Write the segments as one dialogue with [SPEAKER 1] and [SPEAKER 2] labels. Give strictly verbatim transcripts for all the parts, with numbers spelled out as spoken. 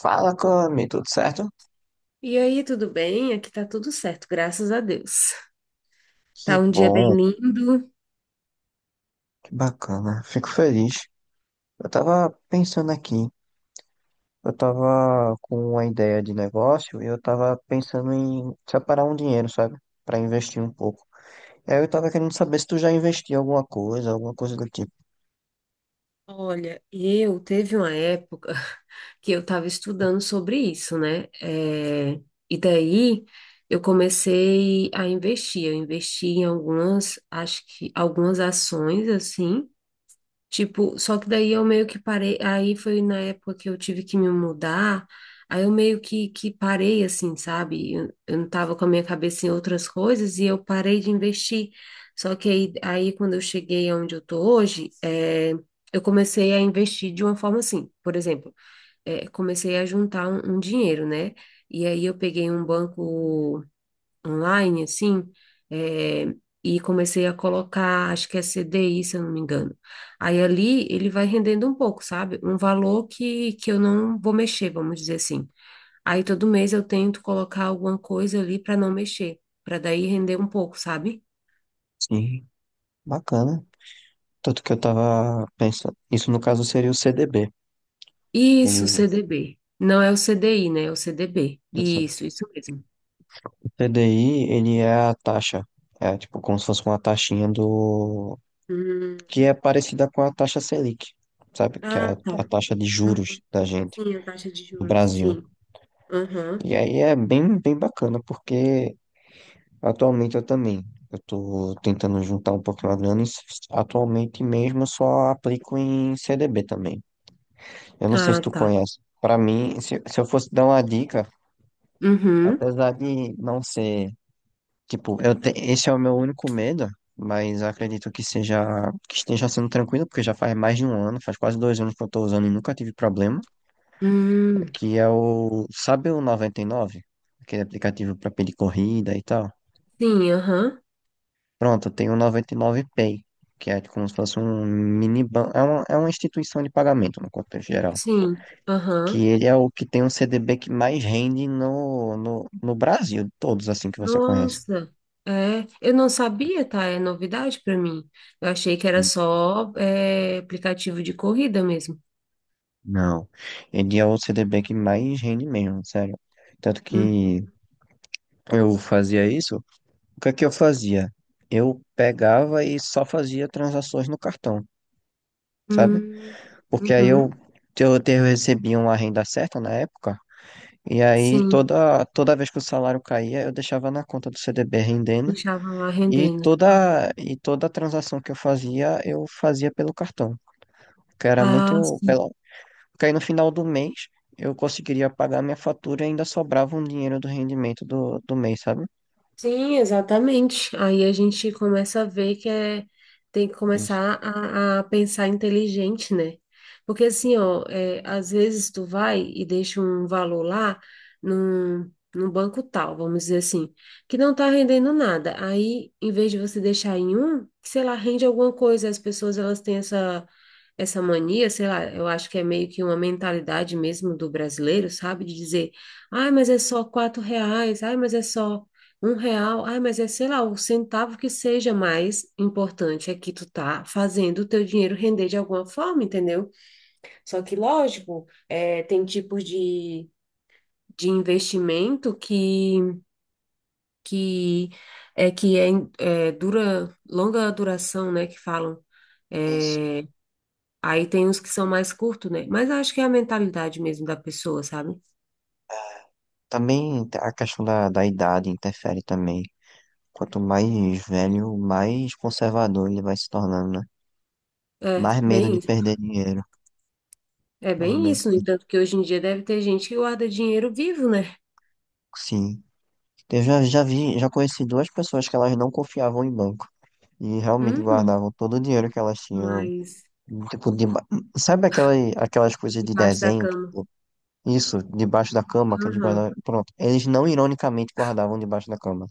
[SPEAKER 1] Fala, Cami, tudo certo?
[SPEAKER 2] E aí, tudo bem? Aqui tá tudo certo, graças a Deus.
[SPEAKER 1] Que
[SPEAKER 2] Tá um dia bem
[SPEAKER 1] bom,
[SPEAKER 2] lindo.
[SPEAKER 1] que bacana, fico feliz. Eu tava pensando aqui, eu tava com uma ideia de negócio e eu tava pensando em separar um dinheiro, sabe? Pra investir um pouco. E aí eu tava querendo saber se tu já investiu em alguma coisa, alguma coisa do tipo.
[SPEAKER 2] Olha, eu teve uma época que eu tava estudando sobre isso, né? É, e daí eu comecei a investir. Eu investi em algumas, acho que algumas ações assim. Tipo, só que daí eu meio que parei, aí foi na época que eu tive que me mudar, aí eu meio que, que parei assim, sabe? Eu, eu não tava com a minha cabeça em outras coisas e eu parei de investir. Só que aí, aí, quando eu cheguei onde eu tô hoje, é, eu comecei a investir de uma forma assim, por exemplo, é, comecei a juntar um, um dinheiro, né? E aí eu peguei um banco online, assim, é, e comecei a colocar, acho que é C D I, se eu não me engano. Aí ali ele vai rendendo um pouco, sabe? Um valor que, que eu não vou mexer, vamos dizer assim. Aí todo mês eu tento colocar alguma coisa ali para não mexer, para daí render um pouco, sabe?
[SPEAKER 1] Sim, bacana. Tanto que eu tava pensando, isso no caso seria o C D B.
[SPEAKER 2] Isso,
[SPEAKER 1] O,
[SPEAKER 2] C D B. Não é o C D I, né? É o C D B.
[SPEAKER 1] isso.
[SPEAKER 2] Isso, isso mesmo.
[SPEAKER 1] O C D I, ele é a taxa, é tipo como se fosse uma taxinha do,
[SPEAKER 2] Hum,
[SPEAKER 1] que é parecida com a taxa Selic, sabe? Que é a,
[SPEAKER 2] ah,
[SPEAKER 1] a
[SPEAKER 2] tá.
[SPEAKER 1] taxa de
[SPEAKER 2] Uhum.
[SPEAKER 1] juros da gente,
[SPEAKER 2] Sim, a taxa de
[SPEAKER 1] do
[SPEAKER 2] juros,
[SPEAKER 1] Brasil.
[SPEAKER 2] sim. Aham.
[SPEAKER 1] E aí é bem, bem bacana, porque atualmente eu também, eu tô tentando juntar um pouquinho a grana e s- atualmente mesmo eu só aplico em C D B também. Eu não sei se
[SPEAKER 2] Ah,
[SPEAKER 1] tu
[SPEAKER 2] tá.
[SPEAKER 1] conhece. Para mim, se, se eu fosse dar uma dica,
[SPEAKER 2] Uhum.
[SPEAKER 1] apesar de não ser, tipo, eu te- esse é o meu único medo, mas acredito que seja, que esteja sendo tranquilo, porque já faz mais de um ano, faz quase dois anos que eu tô usando e nunca tive problema.
[SPEAKER 2] Hum,
[SPEAKER 1] Que é o, sabe o noventa e nove? Aquele aplicativo para pedir corrida e tal.
[SPEAKER 2] sim, aham.
[SPEAKER 1] Pronto, tem o noventa e nove Pay, que é como se fosse um mini banco, é uma, é uma instituição de pagamento no contexto geral,
[SPEAKER 2] Sim,
[SPEAKER 1] que
[SPEAKER 2] aham.
[SPEAKER 1] ele é o que tem um C D B que mais rende no, no, no Brasil, de todos assim que você conhece.
[SPEAKER 2] Nossa, é, eu não sabia, tá? É novidade para mim. Eu achei que era
[SPEAKER 1] N-
[SPEAKER 2] só é, aplicativo de corrida mesmo.
[SPEAKER 1] Não, ele é o C D B que mais rende mesmo, sério. Tanto que eu fazia isso, o que é que eu fazia? Eu pegava e só fazia transações no cartão, sabe?
[SPEAKER 2] Uhum,
[SPEAKER 1] Porque aí eu,
[SPEAKER 2] uhum,
[SPEAKER 1] eu, te- eu recebi uma renda certa na época, e aí
[SPEAKER 2] sim,
[SPEAKER 1] toda, toda vez que o salário caía, eu deixava na conta do C D B rendendo,
[SPEAKER 2] deixava lá
[SPEAKER 1] e
[SPEAKER 2] rendendo.
[SPEAKER 1] toda, e toda transação que eu fazia, eu fazia pelo cartão, que era
[SPEAKER 2] Ah,
[SPEAKER 1] muito,
[SPEAKER 2] sim.
[SPEAKER 1] pelo, porque aí no final do mês eu conseguiria pagar minha fatura e ainda sobrava um dinheiro do rendimento do, do mês, sabe?
[SPEAKER 2] Sim, exatamente. Aí a gente começa a ver que é, tem que
[SPEAKER 1] Isso.
[SPEAKER 2] começar a, a pensar inteligente, né? Porque assim, ó, é, às vezes tu vai e deixa um valor lá num, num banco tal, vamos dizer assim, que não tá rendendo nada. Aí, em vez de você deixar em um, que, sei lá, rende alguma coisa. As pessoas, elas têm essa, essa mania, sei lá, eu acho que é meio que uma mentalidade mesmo do brasileiro, sabe? De dizer, ai, mas é só quatro reais, ai, mas é só... Um real, ai, mas é, sei lá, o centavo que seja mais importante é que tu tá fazendo o teu dinheiro render de alguma forma, entendeu? Só que, lógico, é, tem tipos de, de investimento que, que é que é, em- é, dura, longa duração, né, que falam.
[SPEAKER 1] Isso.
[SPEAKER 2] É, aí tem os que são mais curtos, né? Mas acho que é a mentalidade mesmo da pessoa, sabe?
[SPEAKER 1] Também a questão da, da idade interfere também. Quanto mais velho, mais conservador ele vai se tornando, né?
[SPEAKER 2] É,
[SPEAKER 1] Mais medo de
[SPEAKER 2] bem,
[SPEAKER 1] perder dinheiro.
[SPEAKER 2] é
[SPEAKER 1] Mais
[SPEAKER 2] bem
[SPEAKER 1] medo,
[SPEAKER 2] isso. No
[SPEAKER 1] de-
[SPEAKER 2] entanto, que hoje em dia deve ter gente que guarda dinheiro vivo, né?
[SPEAKER 1] Sim. Eu já, já vi, já conheci duas pessoas que elas não confiavam em banco e realmente
[SPEAKER 2] Uhum.
[SPEAKER 1] guardavam todo o dinheiro que elas tinham.
[SPEAKER 2] Mas
[SPEAKER 1] Tipo, deba... sabe aquela, aquelas coisas de
[SPEAKER 2] debaixo da
[SPEAKER 1] desenho?
[SPEAKER 2] cama.
[SPEAKER 1] Tipo, isso, debaixo da cama que eles
[SPEAKER 2] Aham.
[SPEAKER 1] guardavam. Pronto. Eles não ironicamente guardavam debaixo da cama.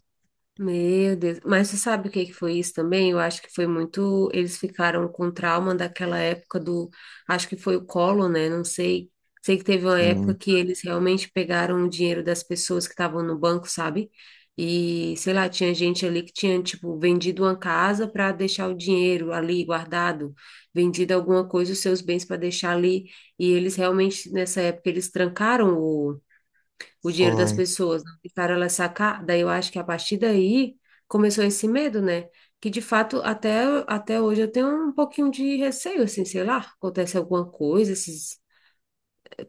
[SPEAKER 2] Meu Deus. Mas você sabe o que que foi isso também? Eu acho que foi muito. Eles ficaram com trauma daquela época do. Acho que foi o colo, né? Não sei. Sei que teve uma época
[SPEAKER 1] Sim,
[SPEAKER 2] que eles realmente pegaram o dinheiro das pessoas que estavam no banco, sabe? E, sei lá, tinha gente ali que tinha, tipo, vendido uma casa para deixar o dinheiro ali guardado, vendido alguma coisa, os seus bens para deixar ali. E eles realmente, nessa época, eles trancaram o o dinheiro das
[SPEAKER 1] foi.
[SPEAKER 2] pessoas, não deixaram elas sacar. Daí eu acho que a partir daí começou esse medo, né? Que de fato até, até hoje eu tenho um pouquinho de receio, assim, sei lá, acontece alguma coisa, esses,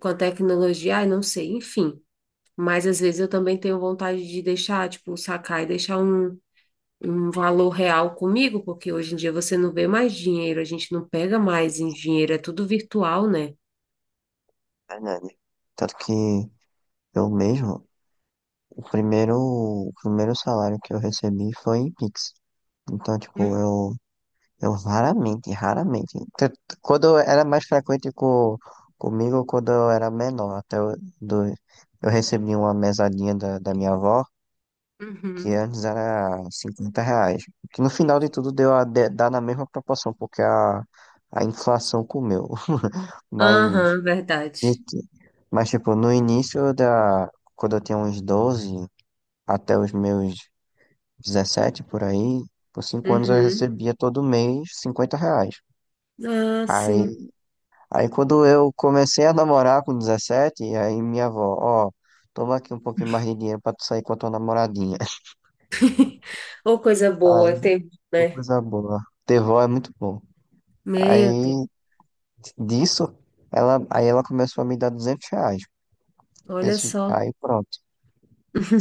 [SPEAKER 2] com a tecnologia, ai, não sei, enfim. Mas às vezes eu também tenho vontade de deixar, tipo, sacar e deixar um, um valor real comigo, porque hoje em dia você não vê mais dinheiro, a gente não pega mais em dinheiro, é tudo virtual, né?
[SPEAKER 1] Verdade. Tanto que eu mesmo, o primeiro, o primeiro salário que eu recebi foi em Pix. Então, tipo, eu Eu raramente, raramente. T- t- Quando era mais frequente co, comigo, quando eu era menor, até eu, do, eu recebi uma mesadinha da, da minha avó, que
[SPEAKER 2] Uhum,
[SPEAKER 1] antes era cinquenta reais. Que no final de tudo deu a de- dar na mesma proporção, porque a, a inflação comeu. Mas,
[SPEAKER 2] aham, verdade.
[SPEAKER 1] de- mas, tipo, no início da, quando eu tinha uns doze até os meus dezessete por aí, por cinco anos eu
[SPEAKER 2] Uhum.
[SPEAKER 1] recebia todo mês cinquenta reais.
[SPEAKER 2] Ah,
[SPEAKER 1] Aí
[SPEAKER 2] sim.
[SPEAKER 1] Aí quando eu comecei a namorar com dezessete, aí minha avó, ó, toma aqui um pouquinho mais de dinheiro pra tu sair com a tua namoradinha.
[SPEAKER 2] Ou coisa
[SPEAKER 1] Aí,
[SPEAKER 2] boa, tem,
[SPEAKER 1] uma
[SPEAKER 2] né?
[SPEAKER 1] coisa boa. Ter vó é muito bom.
[SPEAKER 2] Meu Deus,
[SPEAKER 1] Aí, disso, ela, aí ela começou a me dar duzentos reais.
[SPEAKER 2] olha
[SPEAKER 1] Desse-
[SPEAKER 2] só.
[SPEAKER 1] aí pronto.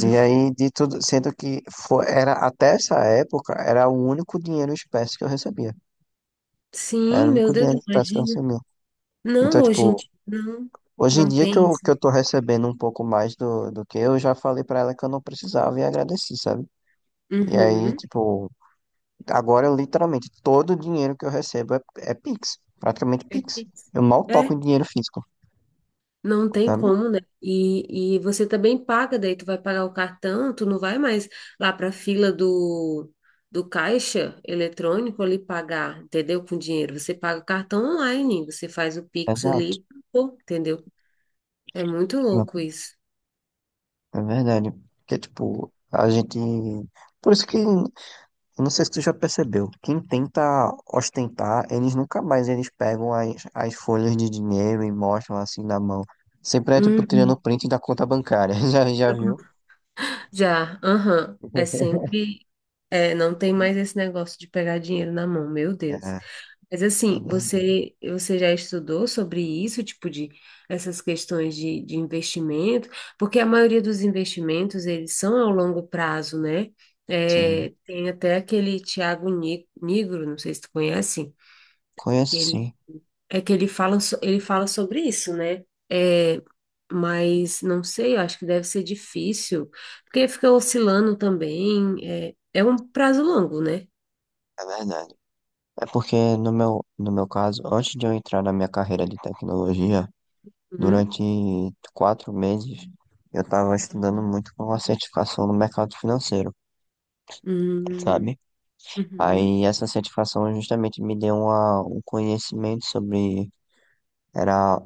[SPEAKER 1] E aí, de tudo, sendo que foi, era, até essa época, era o único dinheiro em espécie que eu recebia. Era
[SPEAKER 2] Sim,
[SPEAKER 1] o
[SPEAKER 2] meu
[SPEAKER 1] único
[SPEAKER 2] Deus,
[SPEAKER 1] dinheiro em espécie que eu
[SPEAKER 2] imagina.
[SPEAKER 1] recebia.
[SPEAKER 2] Não,
[SPEAKER 1] Então,
[SPEAKER 2] hoje em
[SPEAKER 1] tipo,
[SPEAKER 2] dia, não,
[SPEAKER 1] Hoje em
[SPEAKER 2] não
[SPEAKER 1] dia que
[SPEAKER 2] tem
[SPEAKER 1] eu, que
[SPEAKER 2] isso.
[SPEAKER 1] eu tô recebendo um pouco mais do, do que eu, já falei pra ela que eu não precisava e agradeci, sabe? E aí,
[SPEAKER 2] Uhum.
[SPEAKER 1] tipo, agora eu literalmente, todo o dinheiro que eu recebo é, é Pix, praticamente
[SPEAKER 2] É,
[SPEAKER 1] Pix.
[SPEAKER 2] isso.
[SPEAKER 1] Eu mal toco
[SPEAKER 2] É,
[SPEAKER 1] em dinheiro físico,
[SPEAKER 2] não tem
[SPEAKER 1] sabe?
[SPEAKER 2] como, né? E, e você também paga, daí tu vai pagar o cartão, tu não vai mais lá para a fila do, do caixa eletrônico ali pagar, entendeu? Com dinheiro. Você paga o cartão online, você faz o Pix
[SPEAKER 1] Exato,
[SPEAKER 2] ali, pô, entendeu? É muito louco isso.
[SPEAKER 1] é verdade. Porque, tipo, a gente. Por isso que, eu não sei se tu já percebeu, quem tenta ostentar, eles nunca mais eles pegam as, as folhas de dinheiro e mostram assim na mão. Sempre é tipo
[SPEAKER 2] Uhum.
[SPEAKER 1] tirando print da conta bancária. Já, já viu?
[SPEAKER 2] Já, aham. É sempre. É, não tem mais esse negócio de pegar dinheiro na mão, meu
[SPEAKER 1] É,
[SPEAKER 2] Deus.
[SPEAKER 1] é
[SPEAKER 2] Mas assim,
[SPEAKER 1] verdade.
[SPEAKER 2] você, você já estudou sobre isso, tipo de essas questões de, de investimento? Porque a maioria dos investimentos, eles são ao longo prazo, né?
[SPEAKER 1] Sim.
[SPEAKER 2] É, tem até aquele Tiago Ni- Nigro, não sei se tu conhece, que
[SPEAKER 1] Conheço
[SPEAKER 2] ele,
[SPEAKER 1] sim,
[SPEAKER 2] é que ele fala, so- ele fala sobre isso, né? É, mas não sei, eu acho que deve ser difícil, porque fica oscilando também, é, é um prazo longo, né?
[SPEAKER 1] é verdade. É porque no meu, no meu caso, antes de eu entrar na minha carreira de tecnologia,
[SPEAKER 2] Uhum,
[SPEAKER 1] durante quatro meses, eu estava estudando muito com a certificação no mercado financeiro,
[SPEAKER 2] uhum,
[SPEAKER 1] sabe?
[SPEAKER 2] uhum,
[SPEAKER 1] Aí essa certificação justamente me deu uma, um conhecimento sobre, era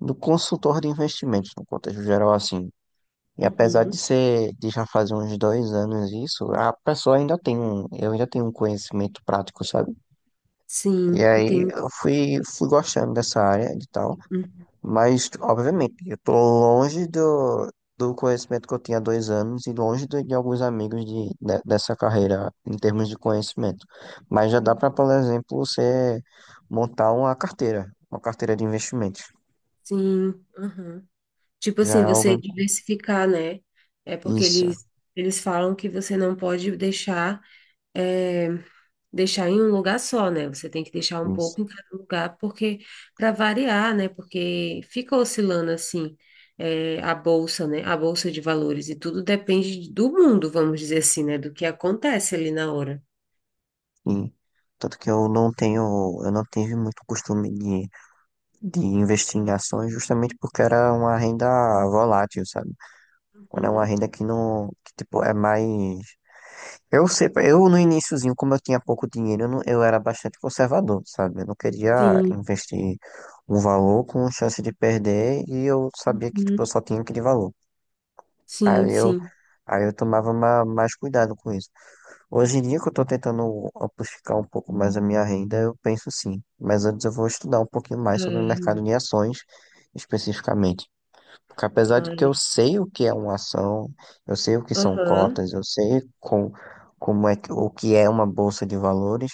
[SPEAKER 1] do consultor de investimentos, no contexto geral, assim. E apesar de
[SPEAKER 2] uhum.
[SPEAKER 1] ser, de já fazer uns dois anos isso, a pessoa ainda tem um, eu ainda tenho um conhecimento prático, sabe? E
[SPEAKER 2] Sim,
[SPEAKER 1] aí
[SPEAKER 2] entendi.
[SPEAKER 1] eu fui, fui gostando dessa área e tal,
[SPEAKER 2] Uhum,
[SPEAKER 1] mas obviamente eu tô longe do, do conhecimento que eu tinha há dois anos e longe do- de alguns amigos de, de- dessa carreira em termos de conhecimento. Mas já dá para, por exemplo, você montar uma carteira, uma carteira de investimentos.
[SPEAKER 2] sim, uhum. Tipo
[SPEAKER 1] Já
[SPEAKER 2] assim,
[SPEAKER 1] é
[SPEAKER 2] você
[SPEAKER 1] algo.
[SPEAKER 2] diversificar, né? É porque
[SPEAKER 1] Isso,
[SPEAKER 2] eles, eles falam que você não pode deixar. eh, deixar em um lugar só, né? Você tem que deixar um
[SPEAKER 1] isso.
[SPEAKER 2] pouco em cada lugar, porque para variar, né? Porque fica oscilando assim, é, a bolsa, né? A bolsa de valores e tudo depende do mundo, vamos dizer assim, né? Do que acontece ali na hora.
[SPEAKER 1] Sim. Tanto que eu não tenho, eu não tive muito costume de, de investir em ações justamente porque era uma renda volátil, sabe? Quando é uma
[SPEAKER 2] Uhum.
[SPEAKER 1] renda que não, que, tipo, é mais. Eu sei, eu no iniciozinho, como eu tinha pouco dinheiro, eu, não- eu era bastante conservador, sabe? Eu não queria
[SPEAKER 2] Sim,
[SPEAKER 1] investir um valor com chance de perder e eu sabia que, tipo, eu
[SPEAKER 2] uhum.
[SPEAKER 1] só tinha aquele valor.
[SPEAKER 2] Sim,
[SPEAKER 1] Aí eu,
[SPEAKER 2] sim.
[SPEAKER 1] aí eu tomava ma- mais cuidado com isso. Hoje em dia que eu tô tentando amplificar um pouco mais a minha renda, eu penso sim. Mas antes eu vou estudar um pouquinho mais sobre o mercado
[SPEAKER 2] É,
[SPEAKER 1] de ações, especificamente. Porque apesar de que eu
[SPEAKER 2] mas,
[SPEAKER 1] sei o que é uma ação, eu sei o que são
[SPEAKER 2] aham,
[SPEAKER 1] cotas, eu sei com, como é que, o que é uma bolsa de valores,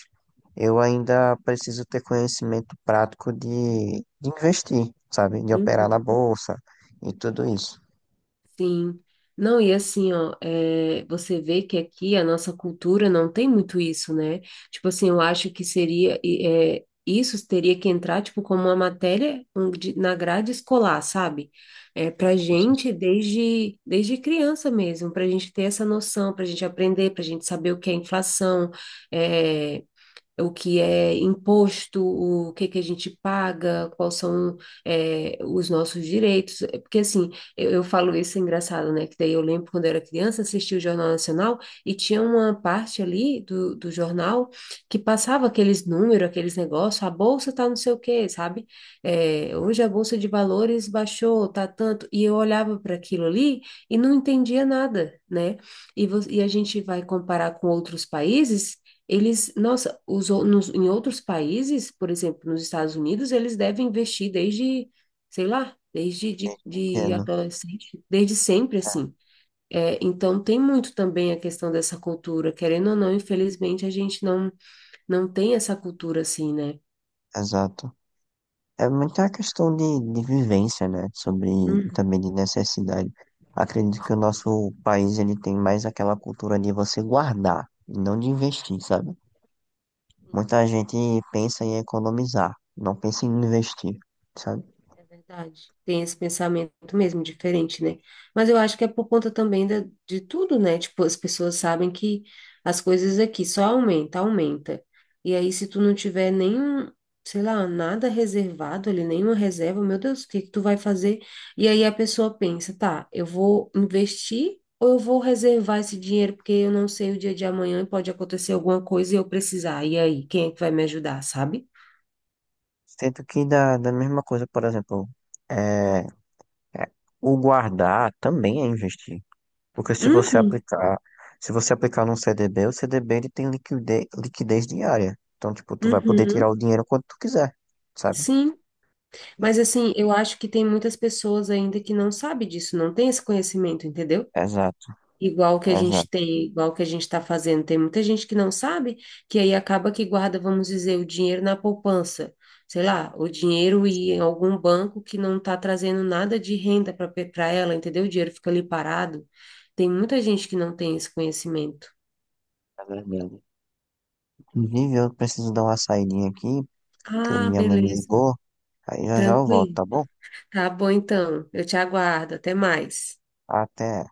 [SPEAKER 1] eu ainda preciso ter conhecimento prático de, de investir, sabe? De operar na
[SPEAKER 2] uhum.
[SPEAKER 1] bolsa e tudo isso.
[SPEAKER 2] Sim. Não, e assim, ó, é, você vê que aqui a nossa cultura não tem muito isso, né? Tipo assim, eu acho que seria, e, é, isso teria que entrar, tipo, como uma matéria um, de- na grade escolar, sabe? É, pra
[SPEAKER 1] Com
[SPEAKER 2] gente, desde, desde criança mesmo, pra gente ter essa noção, pra gente aprender, pra gente saber o que é inflação, eh, o que é imposto, o que que a gente paga, quais são é, os nossos direitos. É porque assim, eu, eu falo isso é engraçado, né? Que daí eu lembro quando eu era criança, assistia o Jornal Nacional e tinha uma parte ali do, do jornal que passava aqueles números, aqueles negócios, a bolsa tá não sei o quê, sabe? É, hoje a bolsa de valores baixou, tá tanto. E eu olhava para aquilo ali e não entendia nada, né? E, vo- e a gente vai comparar com outros países eles, nossa, os, ou- nos, em outros países, por exemplo, nos Estados Unidos, eles devem investir desde, sei lá, desde de, de
[SPEAKER 1] certeza.
[SPEAKER 2] adolescente, desde sempre, assim. É, então, tem muito também a questão dessa cultura, querendo ou não, infelizmente, a gente não, não tem essa cultura assim, né?
[SPEAKER 1] Exato. É muita questão de, de vivência, né? Sobre e
[SPEAKER 2] Uhum.
[SPEAKER 1] também de necessidade. Acredito que o nosso país ele tem mais aquela cultura de você guardar, e não de investir, sabe? Muita gente pensa em economizar, não pensa em investir, sabe?
[SPEAKER 2] É verdade. Tem esse pensamento mesmo diferente, né? Mas eu acho que é por conta também da, de tudo, né? Tipo, as pessoas sabem que as coisas aqui só aumenta, aumenta. E aí, se tu não tiver nenhum, sei lá, nada reservado ali, nenhuma reserva, meu Deus, o que que tu vai fazer? E aí a pessoa pensa, tá, eu vou investir ou eu vou reservar esse dinheiro porque eu não sei o dia de amanhã e pode acontecer alguma coisa e eu precisar. E aí, quem é que vai me ajudar, sabe?
[SPEAKER 1] Sendo que da, da mesma coisa, por exemplo, é, é, o guardar também é investir. Porque se você
[SPEAKER 2] Uhum,
[SPEAKER 1] aplicar, se você aplicar num C D B, o C D B ele tem liquidez, liquidez diária. Então, tipo, tu vai poder tirar o
[SPEAKER 2] uhum.
[SPEAKER 1] dinheiro quando tu quiser, sabe?
[SPEAKER 2] Sim. Mas assim, eu acho que tem muitas pessoas ainda que não sabe disso, não tem esse conhecimento, entendeu?
[SPEAKER 1] Exato,
[SPEAKER 2] Igual que a
[SPEAKER 1] exato,
[SPEAKER 2] gente tem, igual que a gente está fazendo, tem muita gente que não sabe, que aí acaba que guarda, vamos dizer, o dinheiro na poupança, sei lá, o dinheiro e em algum banco que não está trazendo nada de renda para para ela, entendeu? O dinheiro fica ali parado. Tem muita gente que não tem esse conhecimento.
[SPEAKER 1] é verdade. Inclusive, eu preciso dar uma saidinha aqui, porque
[SPEAKER 2] Ah,
[SPEAKER 1] minha mãe me
[SPEAKER 2] beleza,
[SPEAKER 1] ligou. Aí já já eu volto,
[SPEAKER 2] tranquilo.
[SPEAKER 1] tá bom?
[SPEAKER 2] Tá bom então. Eu te aguardo. Até mais.
[SPEAKER 1] Até.